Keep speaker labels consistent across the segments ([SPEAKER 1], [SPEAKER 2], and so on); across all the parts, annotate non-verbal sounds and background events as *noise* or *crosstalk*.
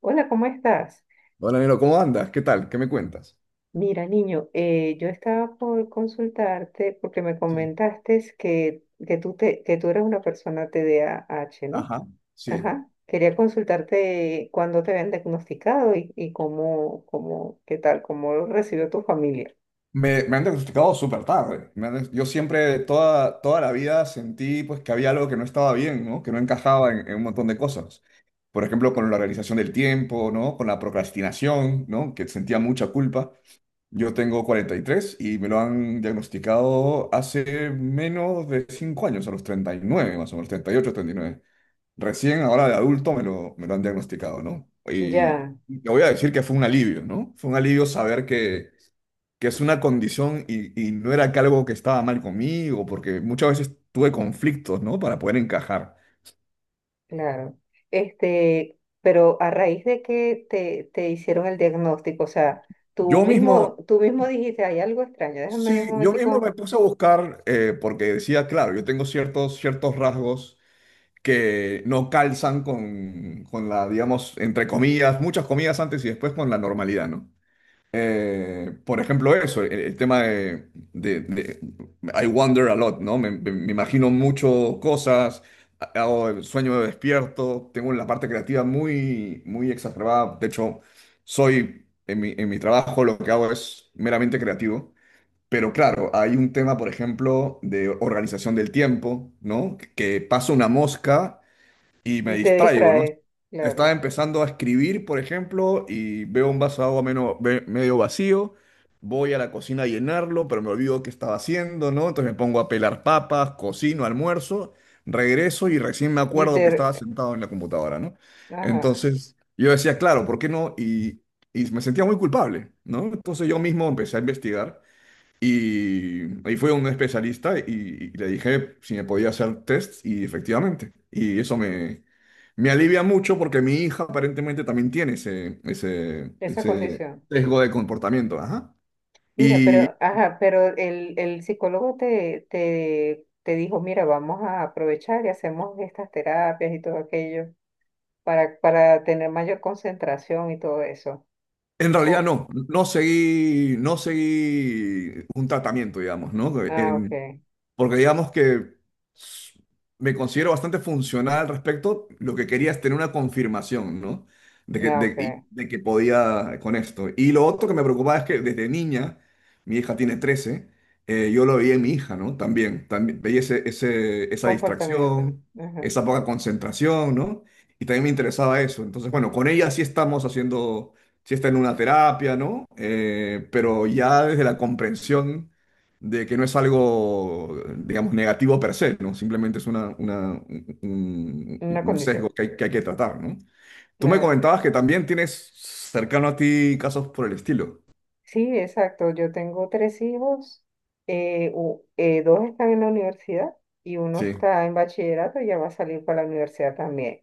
[SPEAKER 1] Hola, ¿cómo estás?
[SPEAKER 2] Hola, Nero, ¿cómo andas? ¿Qué tal? ¿Qué me cuentas?
[SPEAKER 1] Mira, niño, yo estaba por consultarte porque me
[SPEAKER 2] Sí,
[SPEAKER 1] comentaste que tú eres una persona TDAH, ¿no?
[SPEAKER 2] ajá, sí.
[SPEAKER 1] Ajá. Quería consultarte cuándo te habían diagnosticado y cómo, qué tal, cómo lo recibió tu familia.
[SPEAKER 2] Me han diagnosticado súper tarde. Yo siempre, toda la vida sentí pues, que había algo que no estaba bien, ¿no? Que no encajaba en un montón de cosas. Por ejemplo, con la organización del tiempo, ¿no? Con la procrastinación, ¿no? Que sentía mucha culpa. Yo tengo 43 y me lo han diagnosticado hace menos de 5 años, a los 39 más o menos, 38, 39. Recién ahora de adulto me lo han diagnosticado, ¿no? Y
[SPEAKER 1] Ya,
[SPEAKER 2] te voy a decir que fue un alivio, ¿no? Fue un alivio saber que es una condición y no era que algo que estaba mal conmigo, porque muchas veces tuve conflictos, ¿no? Para poder encajar.
[SPEAKER 1] claro. Este, pero a raíz de te hicieron el diagnóstico, o sea,
[SPEAKER 2] Yo mismo,
[SPEAKER 1] tú mismo dijiste, hay algo extraño, déjame un
[SPEAKER 2] sí, yo mismo me
[SPEAKER 1] momentico
[SPEAKER 2] puse a buscar, porque decía, claro, yo tengo ciertos rasgos que no calzan con la, digamos, entre comillas, muchas comillas antes y después con la normalidad, ¿no? Por ejemplo, eso, el tema de I wonder a lot, ¿no? Me imagino mucho cosas, hago el sueño de despierto, tengo la parte creativa muy exacerbada. De hecho, soy, en mi trabajo lo que hago es meramente creativo. Pero claro, hay un tema, por ejemplo, de organización del tiempo, ¿no? Que paso una mosca y me
[SPEAKER 1] y te
[SPEAKER 2] distraigo, ¿no?
[SPEAKER 1] distraes.
[SPEAKER 2] Estaba
[SPEAKER 1] Claro.
[SPEAKER 2] empezando a escribir, por ejemplo, y veo un vaso de agua medio vacío. Voy a la cocina a llenarlo, pero me olvido qué estaba haciendo, ¿no? Entonces me pongo a pelar papas, cocino, almuerzo, regreso y recién me
[SPEAKER 1] Y
[SPEAKER 2] acuerdo que estaba
[SPEAKER 1] te,
[SPEAKER 2] sentado en la computadora, ¿no?
[SPEAKER 1] ajá,
[SPEAKER 2] Entonces yo decía, claro, ¿por qué no? Y me sentía muy culpable, ¿no? Entonces yo mismo empecé a investigar y ahí fue un especialista y le dije si me podía hacer test y efectivamente. Me alivia mucho porque mi hija aparentemente también tiene
[SPEAKER 1] esa
[SPEAKER 2] ese
[SPEAKER 1] condición.
[SPEAKER 2] sesgo de comportamiento. Ajá.
[SPEAKER 1] Mira,
[SPEAKER 2] Y
[SPEAKER 1] pero, ajá, pero el psicólogo te, te dijo, mira, vamos a aprovechar y hacemos estas terapias y todo aquello para tener mayor concentración y todo eso.
[SPEAKER 2] en realidad
[SPEAKER 1] Oh,
[SPEAKER 2] no seguí, no seguí un tratamiento, digamos, ¿no?
[SPEAKER 1] ah, ok,
[SPEAKER 2] Porque digamos que s- me considero bastante funcional al respecto. Lo que quería es tener una confirmación, ¿no?
[SPEAKER 1] ah, ok.
[SPEAKER 2] De que podía con esto. Y lo otro que me preocupaba es que desde niña, mi hija tiene 13 yo lo veía en mi hija, ¿no? También veía esa
[SPEAKER 1] Comportamiento.
[SPEAKER 2] distracción,
[SPEAKER 1] Ajá,
[SPEAKER 2] esa poca concentración, ¿no? Y también me interesaba eso. Entonces, bueno, con ella sí estamos haciendo, sí está en una terapia, ¿no? Pero ya desde la comprensión de que no es algo, digamos, negativo per se, ¿no? Simplemente es
[SPEAKER 1] una
[SPEAKER 2] un
[SPEAKER 1] condición.
[SPEAKER 2] sesgo que hay que tratar, ¿no? Tú me
[SPEAKER 1] Claro.
[SPEAKER 2] comentabas que también tienes cercano a ti casos por el estilo.
[SPEAKER 1] Sí, exacto. Yo tengo tres hijos. Dos están en la universidad y uno
[SPEAKER 2] Sí.
[SPEAKER 1] está en bachillerato y ya va a salir para la universidad también.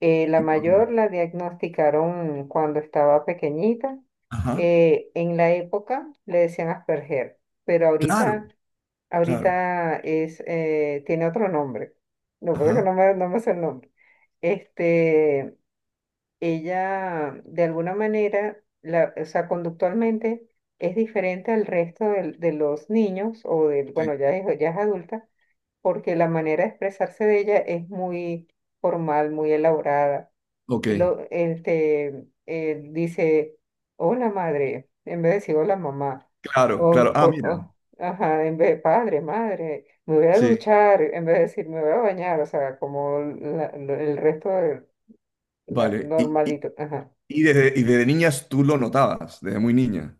[SPEAKER 1] La
[SPEAKER 2] Ok.
[SPEAKER 1] mayor la diagnosticaron cuando estaba pequeñita.
[SPEAKER 2] Ajá.
[SPEAKER 1] En la época le decían Asperger, pero
[SPEAKER 2] Claro,
[SPEAKER 1] ahorita,
[SPEAKER 2] claro.
[SPEAKER 1] ahorita es, tiene otro nombre. No, creo que
[SPEAKER 2] Ajá.
[SPEAKER 1] no me, no me sé el nombre. Este, ella, de alguna manera, la, o sea, conductualmente es diferente al resto de los niños o del, bueno,
[SPEAKER 2] Sí.
[SPEAKER 1] ya es adulta porque la manera de expresarse de ella es muy formal, muy elaborada.
[SPEAKER 2] Ok.
[SPEAKER 1] Y lo, este, dice, hola madre, en vez de decir hola mamá,
[SPEAKER 2] Claro, claro.
[SPEAKER 1] o,
[SPEAKER 2] Ah,
[SPEAKER 1] co-
[SPEAKER 2] mira.
[SPEAKER 1] o- ajá, en vez de padre, madre, me voy a
[SPEAKER 2] Sí.
[SPEAKER 1] duchar, en vez de decir me voy a bañar, o sea, como el resto de la
[SPEAKER 2] Vale.
[SPEAKER 1] normalito, ajá.
[SPEAKER 2] Y desde niñas tú lo notabas, desde muy niña.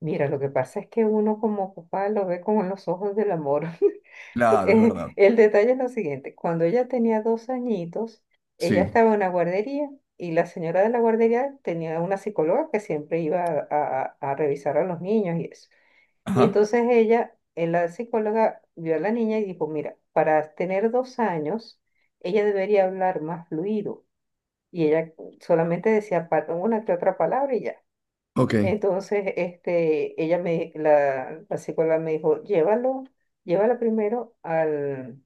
[SPEAKER 1] Mira, lo que pasa es que uno como papá lo ve con los ojos del amor. *laughs*
[SPEAKER 2] Claro, es verdad.
[SPEAKER 1] El detalle es lo siguiente, cuando ella tenía dos añitos, ella
[SPEAKER 2] Sí.
[SPEAKER 1] estaba en una guardería y la señora de la guardería tenía una psicóloga que siempre iba a, a revisar a los niños y eso. Y
[SPEAKER 2] Ajá.
[SPEAKER 1] entonces ella, la psicóloga vio a la niña y dijo, mira, para tener dos años, ella debería hablar más fluido. Y ella solamente decía una que otra palabra y ya.
[SPEAKER 2] Ok.
[SPEAKER 1] Entonces, este, la psicóloga me dijo, llévalo, llévala primero al,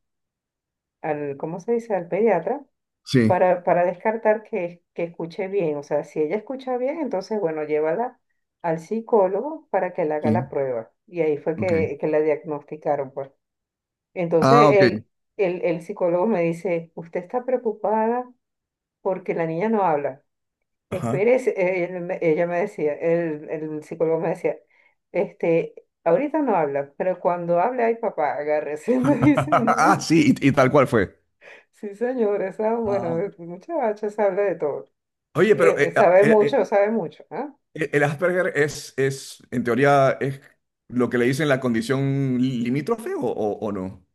[SPEAKER 1] al, ¿cómo se dice? Al pediatra
[SPEAKER 2] Sí.
[SPEAKER 1] para descartar que escuche bien. O sea, si ella escucha bien, entonces, bueno, llévala al psicólogo para que le haga la
[SPEAKER 2] Sí.
[SPEAKER 1] prueba. Y ahí fue
[SPEAKER 2] Ok.
[SPEAKER 1] que la diagnosticaron, pues. Entonces,
[SPEAKER 2] Ah, ok.
[SPEAKER 1] el psicólogo me dice, usted está preocupada porque la niña no habla.
[SPEAKER 2] Ajá.
[SPEAKER 1] Espérese, él ella me decía, el psicólogo me decía, este, ahorita no habla, pero cuando hable, ay papá, agárrese, *laughs* me dicen,
[SPEAKER 2] *laughs* Ah,
[SPEAKER 1] sí,
[SPEAKER 2] sí, y tal cual fue.
[SPEAKER 1] sí señor, esa, bueno,
[SPEAKER 2] Ah,
[SPEAKER 1] el muchacho sabe de todo.
[SPEAKER 2] oye, pero eh, ah,
[SPEAKER 1] Sabe
[SPEAKER 2] eh,
[SPEAKER 1] mucho,
[SPEAKER 2] eh,
[SPEAKER 1] sabe mucho, ¿ah?
[SPEAKER 2] eh, el Asperger es, en teoría, es lo que le dicen la condición limítrofe o no?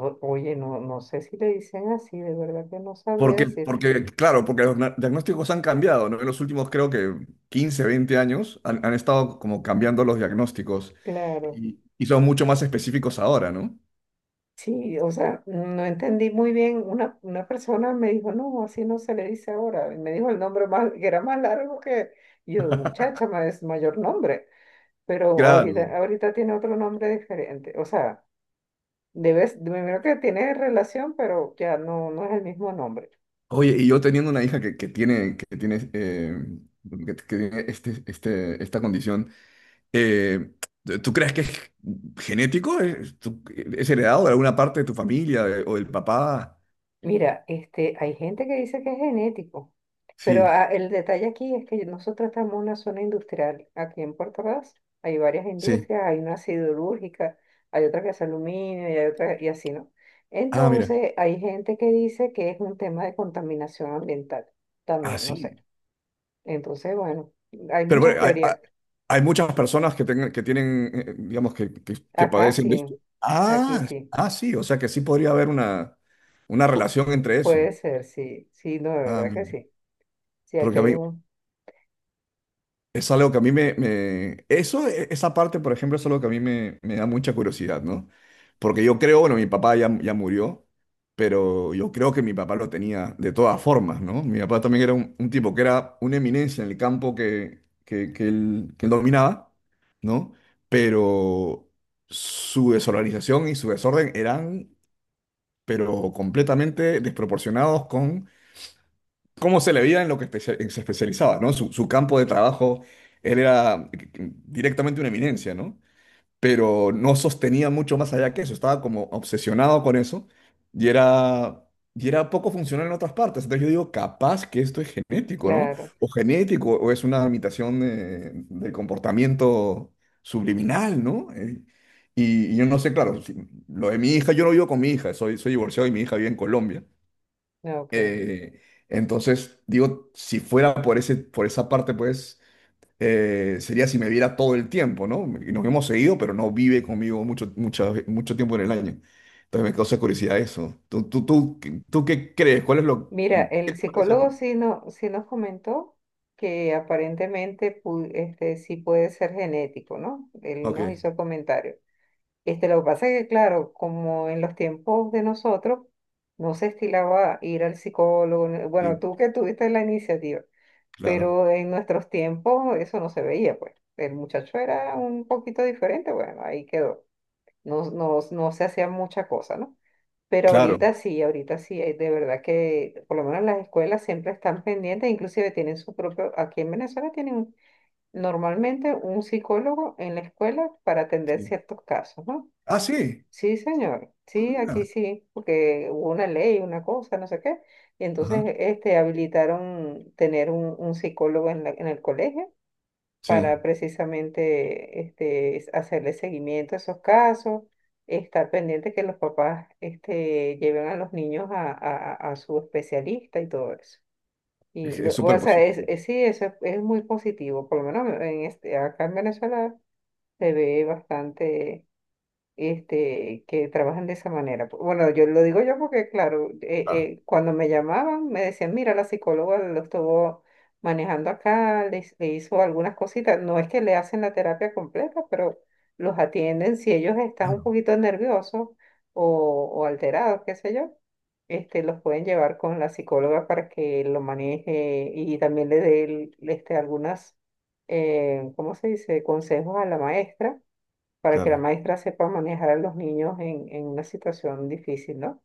[SPEAKER 1] Oye, no, no sé si le dicen así, de verdad que no sabría decirte,
[SPEAKER 2] Porque, claro, porque los diagnósticos han cambiado, ¿no? En los últimos, creo que 15, 20 años, han estado como cambiando los diagnósticos
[SPEAKER 1] claro.
[SPEAKER 2] y son mucho más específicos ahora, ¿no?
[SPEAKER 1] Sí, o sea, no entendí muy bien. Una persona me dijo, no, así no se le dice ahora. Y me dijo el nombre más, que era más largo que y yo, muchacha, es mayor nombre. Pero
[SPEAKER 2] Claro.
[SPEAKER 1] ahorita, ahorita tiene otro nombre diferente. O sea, debes, primero que tiene relación, pero ya no, no es el mismo nombre.
[SPEAKER 2] Oye, y yo teniendo una hija que tiene, que tiene esta condición. Eh, ¿Tú crees que es genético? ¿Es heredado de alguna parte de tu familia o del papá?
[SPEAKER 1] Mira, este, hay gente que dice que es genético. Pero
[SPEAKER 2] Sí,
[SPEAKER 1] ah, el detalle aquí es que nosotros estamos en una zona industrial. Aquí en Puerto Ordaz hay varias
[SPEAKER 2] sí.
[SPEAKER 1] industrias, hay una siderúrgica, hay otra que hace aluminio y hay otra y así, ¿no?
[SPEAKER 2] Ah, mira.
[SPEAKER 1] Entonces, hay gente que dice que es un tema de contaminación ambiental
[SPEAKER 2] Ah,
[SPEAKER 1] también, no sé.
[SPEAKER 2] sí.
[SPEAKER 1] Entonces, bueno, hay
[SPEAKER 2] Pero
[SPEAKER 1] muchas
[SPEAKER 2] bueno,
[SPEAKER 1] teorías.
[SPEAKER 2] hay muchas personas que, que tienen, digamos, que
[SPEAKER 1] Acá
[SPEAKER 2] padecen de esto.
[SPEAKER 1] sí, aquí
[SPEAKER 2] Ah,
[SPEAKER 1] sí.
[SPEAKER 2] ah, sí. O sea que sí podría haber una
[SPEAKER 1] Pu-
[SPEAKER 2] relación entre eso.
[SPEAKER 1] Puede ser, sí, sí, no, de
[SPEAKER 2] Ah,
[SPEAKER 1] verdad
[SPEAKER 2] mira.
[SPEAKER 1] que sí. Sí, aquí
[SPEAKER 2] Porque a
[SPEAKER 1] hay
[SPEAKER 2] mí,
[SPEAKER 1] un,
[SPEAKER 2] es algo que a mí eso, esa parte, por ejemplo, es algo que a mí me, me da mucha curiosidad, ¿no? Porque yo creo, bueno, mi papá ya murió, pero yo creo que mi papá lo tenía de todas formas, ¿no? Mi papá también era un tipo que era una eminencia en el campo que él dominaba, ¿no? Pero su desorganización y su desorden eran, pero completamente desproporcionados con cómo se le veía en lo que se especializaba, ¿no? Su campo de trabajo, él era directamente una eminencia, ¿no? Pero no sostenía mucho más allá que eso, estaba como obsesionado con eso y era, y era poco funcional en otras partes. Entonces yo digo, capaz que esto es genético, ¿no?
[SPEAKER 1] claro,
[SPEAKER 2] O genético, o es una imitación del comportamiento subliminal, ¿no? Y yo no sé, claro, lo de mi hija, yo no vivo con mi hija, soy, soy divorciado y mi hija vive en Colombia.
[SPEAKER 1] ah, ok.
[SPEAKER 2] Eh, entonces, digo, si fuera por ese, por esa parte, pues sería si me viera todo el tiempo, ¿no? Y nos hemos seguido, pero no vive conmigo mucho tiempo en el año. Entonces me causa curiosidad eso. ¿Tú qué crees? ¿Cuál es lo...
[SPEAKER 1] Mira,
[SPEAKER 2] ¿Qué
[SPEAKER 1] el
[SPEAKER 2] te parece a
[SPEAKER 1] psicólogo
[SPEAKER 2] ti?
[SPEAKER 1] sí, no, sí nos comentó que aparentemente este, sí puede ser genético, ¿no? Él
[SPEAKER 2] Ok,
[SPEAKER 1] nos hizo el comentario. Este, lo que pasa es que, claro, como en los tiempos de nosotros, no se estilaba ir al psicólogo. Bueno,
[SPEAKER 2] sí,
[SPEAKER 1] tú que tuviste la iniciativa,
[SPEAKER 2] claro,
[SPEAKER 1] pero en nuestros tiempos eso no se veía, pues. El muchacho era un poquito diferente, bueno, ahí quedó. No, no, no se hacía mucha cosa, ¿no? Pero
[SPEAKER 2] claro.
[SPEAKER 1] ahorita sí, de verdad que por lo menos las escuelas siempre están pendientes, inclusive tienen su propio, aquí en Venezuela normalmente un psicólogo en la escuela para atender
[SPEAKER 2] Sí.
[SPEAKER 1] ciertos casos, ¿no?
[SPEAKER 2] Ah, sí.
[SPEAKER 1] Sí, señor,
[SPEAKER 2] Ah,
[SPEAKER 1] sí, aquí
[SPEAKER 2] mira.
[SPEAKER 1] sí, porque hubo una ley, una cosa, no sé qué, y entonces
[SPEAKER 2] Ajá.
[SPEAKER 1] este, habilitaron tener un psicólogo en en el colegio
[SPEAKER 2] Sí,
[SPEAKER 1] para precisamente este, hacerle seguimiento a esos casos, estar pendiente que los papás este, lleven a los niños a, a su especialista y todo eso. Y,
[SPEAKER 2] es
[SPEAKER 1] o
[SPEAKER 2] súper
[SPEAKER 1] sea,
[SPEAKER 2] positivo.
[SPEAKER 1] sí, eso es muy positivo, por lo menos en este, acá en Venezuela se ve bastante este, que trabajan de esa manera. Bueno, yo lo digo yo porque, claro,
[SPEAKER 2] Claro,
[SPEAKER 1] cuando me llamaban me decían, mira, la psicóloga lo estuvo manejando acá, le hizo algunas cositas. No es que le hacen la terapia completa, pero los atienden si ellos están un
[SPEAKER 2] claro,
[SPEAKER 1] poquito nerviosos o alterados, qué sé yo. Este, los pueden llevar con la psicóloga para que lo maneje y también este, algunas, ¿cómo se dice?, consejos a la maestra para que la
[SPEAKER 2] claro.
[SPEAKER 1] maestra sepa manejar a los niños en una situación difícil, ¿no?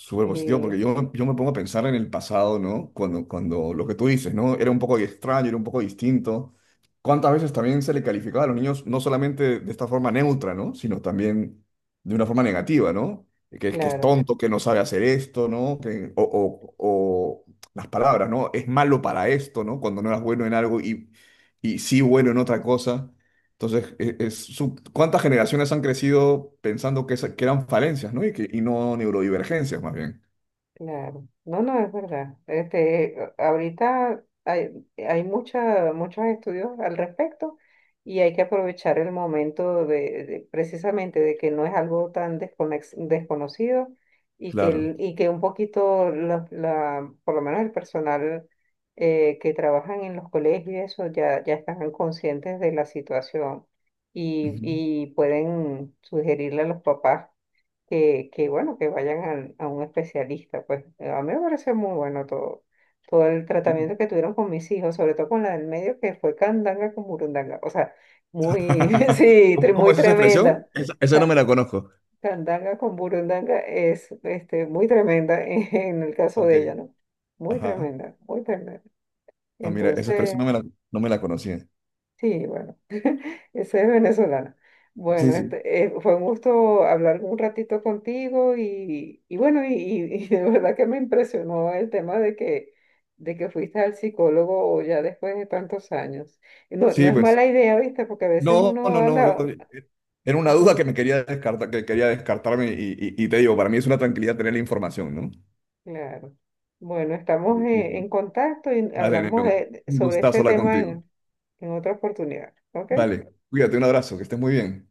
[SPEAKER 2] Súper positivo, porque
[SPEAKER 1] Y
[SPEAKER 2] yo me pongo a pensar en el pasado, ¿no? Cuando lo que tú dices, ¿no? Era un poco extraño, era un poco distinto. ¿Cuántas veces también se le calificaba a los niños, no solamente de esta forma neutra, ¿no? Sino también de una forma negativa, ¿no? Es- que es
[SPEAKER 1] claro.
[SPEAKER 2] tonto, que no sabe hacer esto, ¿no? O las palabras, ¿no? Es malo para esto, ¿no? Cuando no eras bueno en algo y sí bueno en otra cosa. Entonces, ¿cuántas generaciones han crecido pensando que, que eran falencias, ¿no? Y, que, y no neurodivergencias, más bien.
[SPEAKER 1] Claro, no, no, es verdad. Este, ahorita hay, muchos estudios al respecto y hay que aprovechar el momento de, precisamente de que no es algo tan desconocido y que,
[SPEAKER 2] Claro.
[SPEAKER 1] y que un poquito, por lo menos el personal que trabajan en los colegios y eso ya, ya están conscientes de la situación
[SPEAKER 2] Ujú.
[SPEAKER 1] y pueden sugerirle a los papás que bueno, que vayan a, un especialista. Pues a mí me parece muy bueno todo, todo el
[SPEAKER 2] Sí.
[SPEAKER 1] tratamiento que tuvieron con mis hijos, sobre todo con la del medio, que fue candanga con burundanga. O sea, muy, *laughs*
[SPEAKER 2] *laughs*
[SPEAKER 1] sí,
[SPEAKER 2] ¿Cómo, cómo
[SPEAKER 1] muy
[SPEAKER 2] es esa expresión?
[SPEAKER 1] tremenda.
[SPEAKER 2] Esa no
[SPEAKER 1] Ca-
[SPEAKER 2] me la conozco.
[SPEAKER 1] Candanga con burundanga es este, muy tremenda en el caso
[SPEAKER 2] Ok.
[SPEAKER 1] de ella, ¿no? Muy
[SPEAKER 2] Ajá.
[SPEAKER 1] tremenda, muy tremenda.
[SPEAKER 2] Ah, mira, esa
[SPEAKER 1] Entonces,
[SPEAKER 2] expresión no me la conocía.
[SPEAKER 1] sí, bueno. Esa es venezolana.
[SPEAKER 2] Sí,
[SPEAKER 1] Bueno,
[SPEAKER 2] sí.
[SPEAKER 1] este, fue un gusto hablar un ratito contigo y bueno, y de verdad que me impresionó el tema de que fuiste al psicólogo ya después de tantos años. Y no, no
[SPEAKER 2] Sí,
[SPEAKER 1] es
[SPEAKER 2] pues.
[SPEAKER 1] mala idea, ¿viste? Porque a veces
[SPEAKER 2] No,
[SPEAKER 1] uno
[SPEAKER 2] no, no.
[SPEAKER 1] anda...
[SPEAKER 2] Era una
[SPEAKER 1] Ajá,
[SPEAKER 2] duda que me quería descartar, que quería descartarme y, y te digo, para mí es una tranquilidad tener la información, ¿no?
[SPEAKER 1] claro. Bueno, estamos
[SPEAKER 2] Lo mismo.
[SPEAKER 1] en contacto y
[SPEAKER 2] Dale, Nero.
[SPEAKER 1] hablamos
[SPEAKER 2] Un
[SPEAKER 1] sobre
[SPEAKER 2] gustazo
[SPEAKER 1] este
[SPEAKER 2] hablar
[SPEAKER 1] tema
[SPEAKER 2] contigo.
[SPEAKER 1] en otra oportunidad. ¿Ok?
[SPEAKER 2] Vale. Cuídate, un abrazo, que estés muy bien.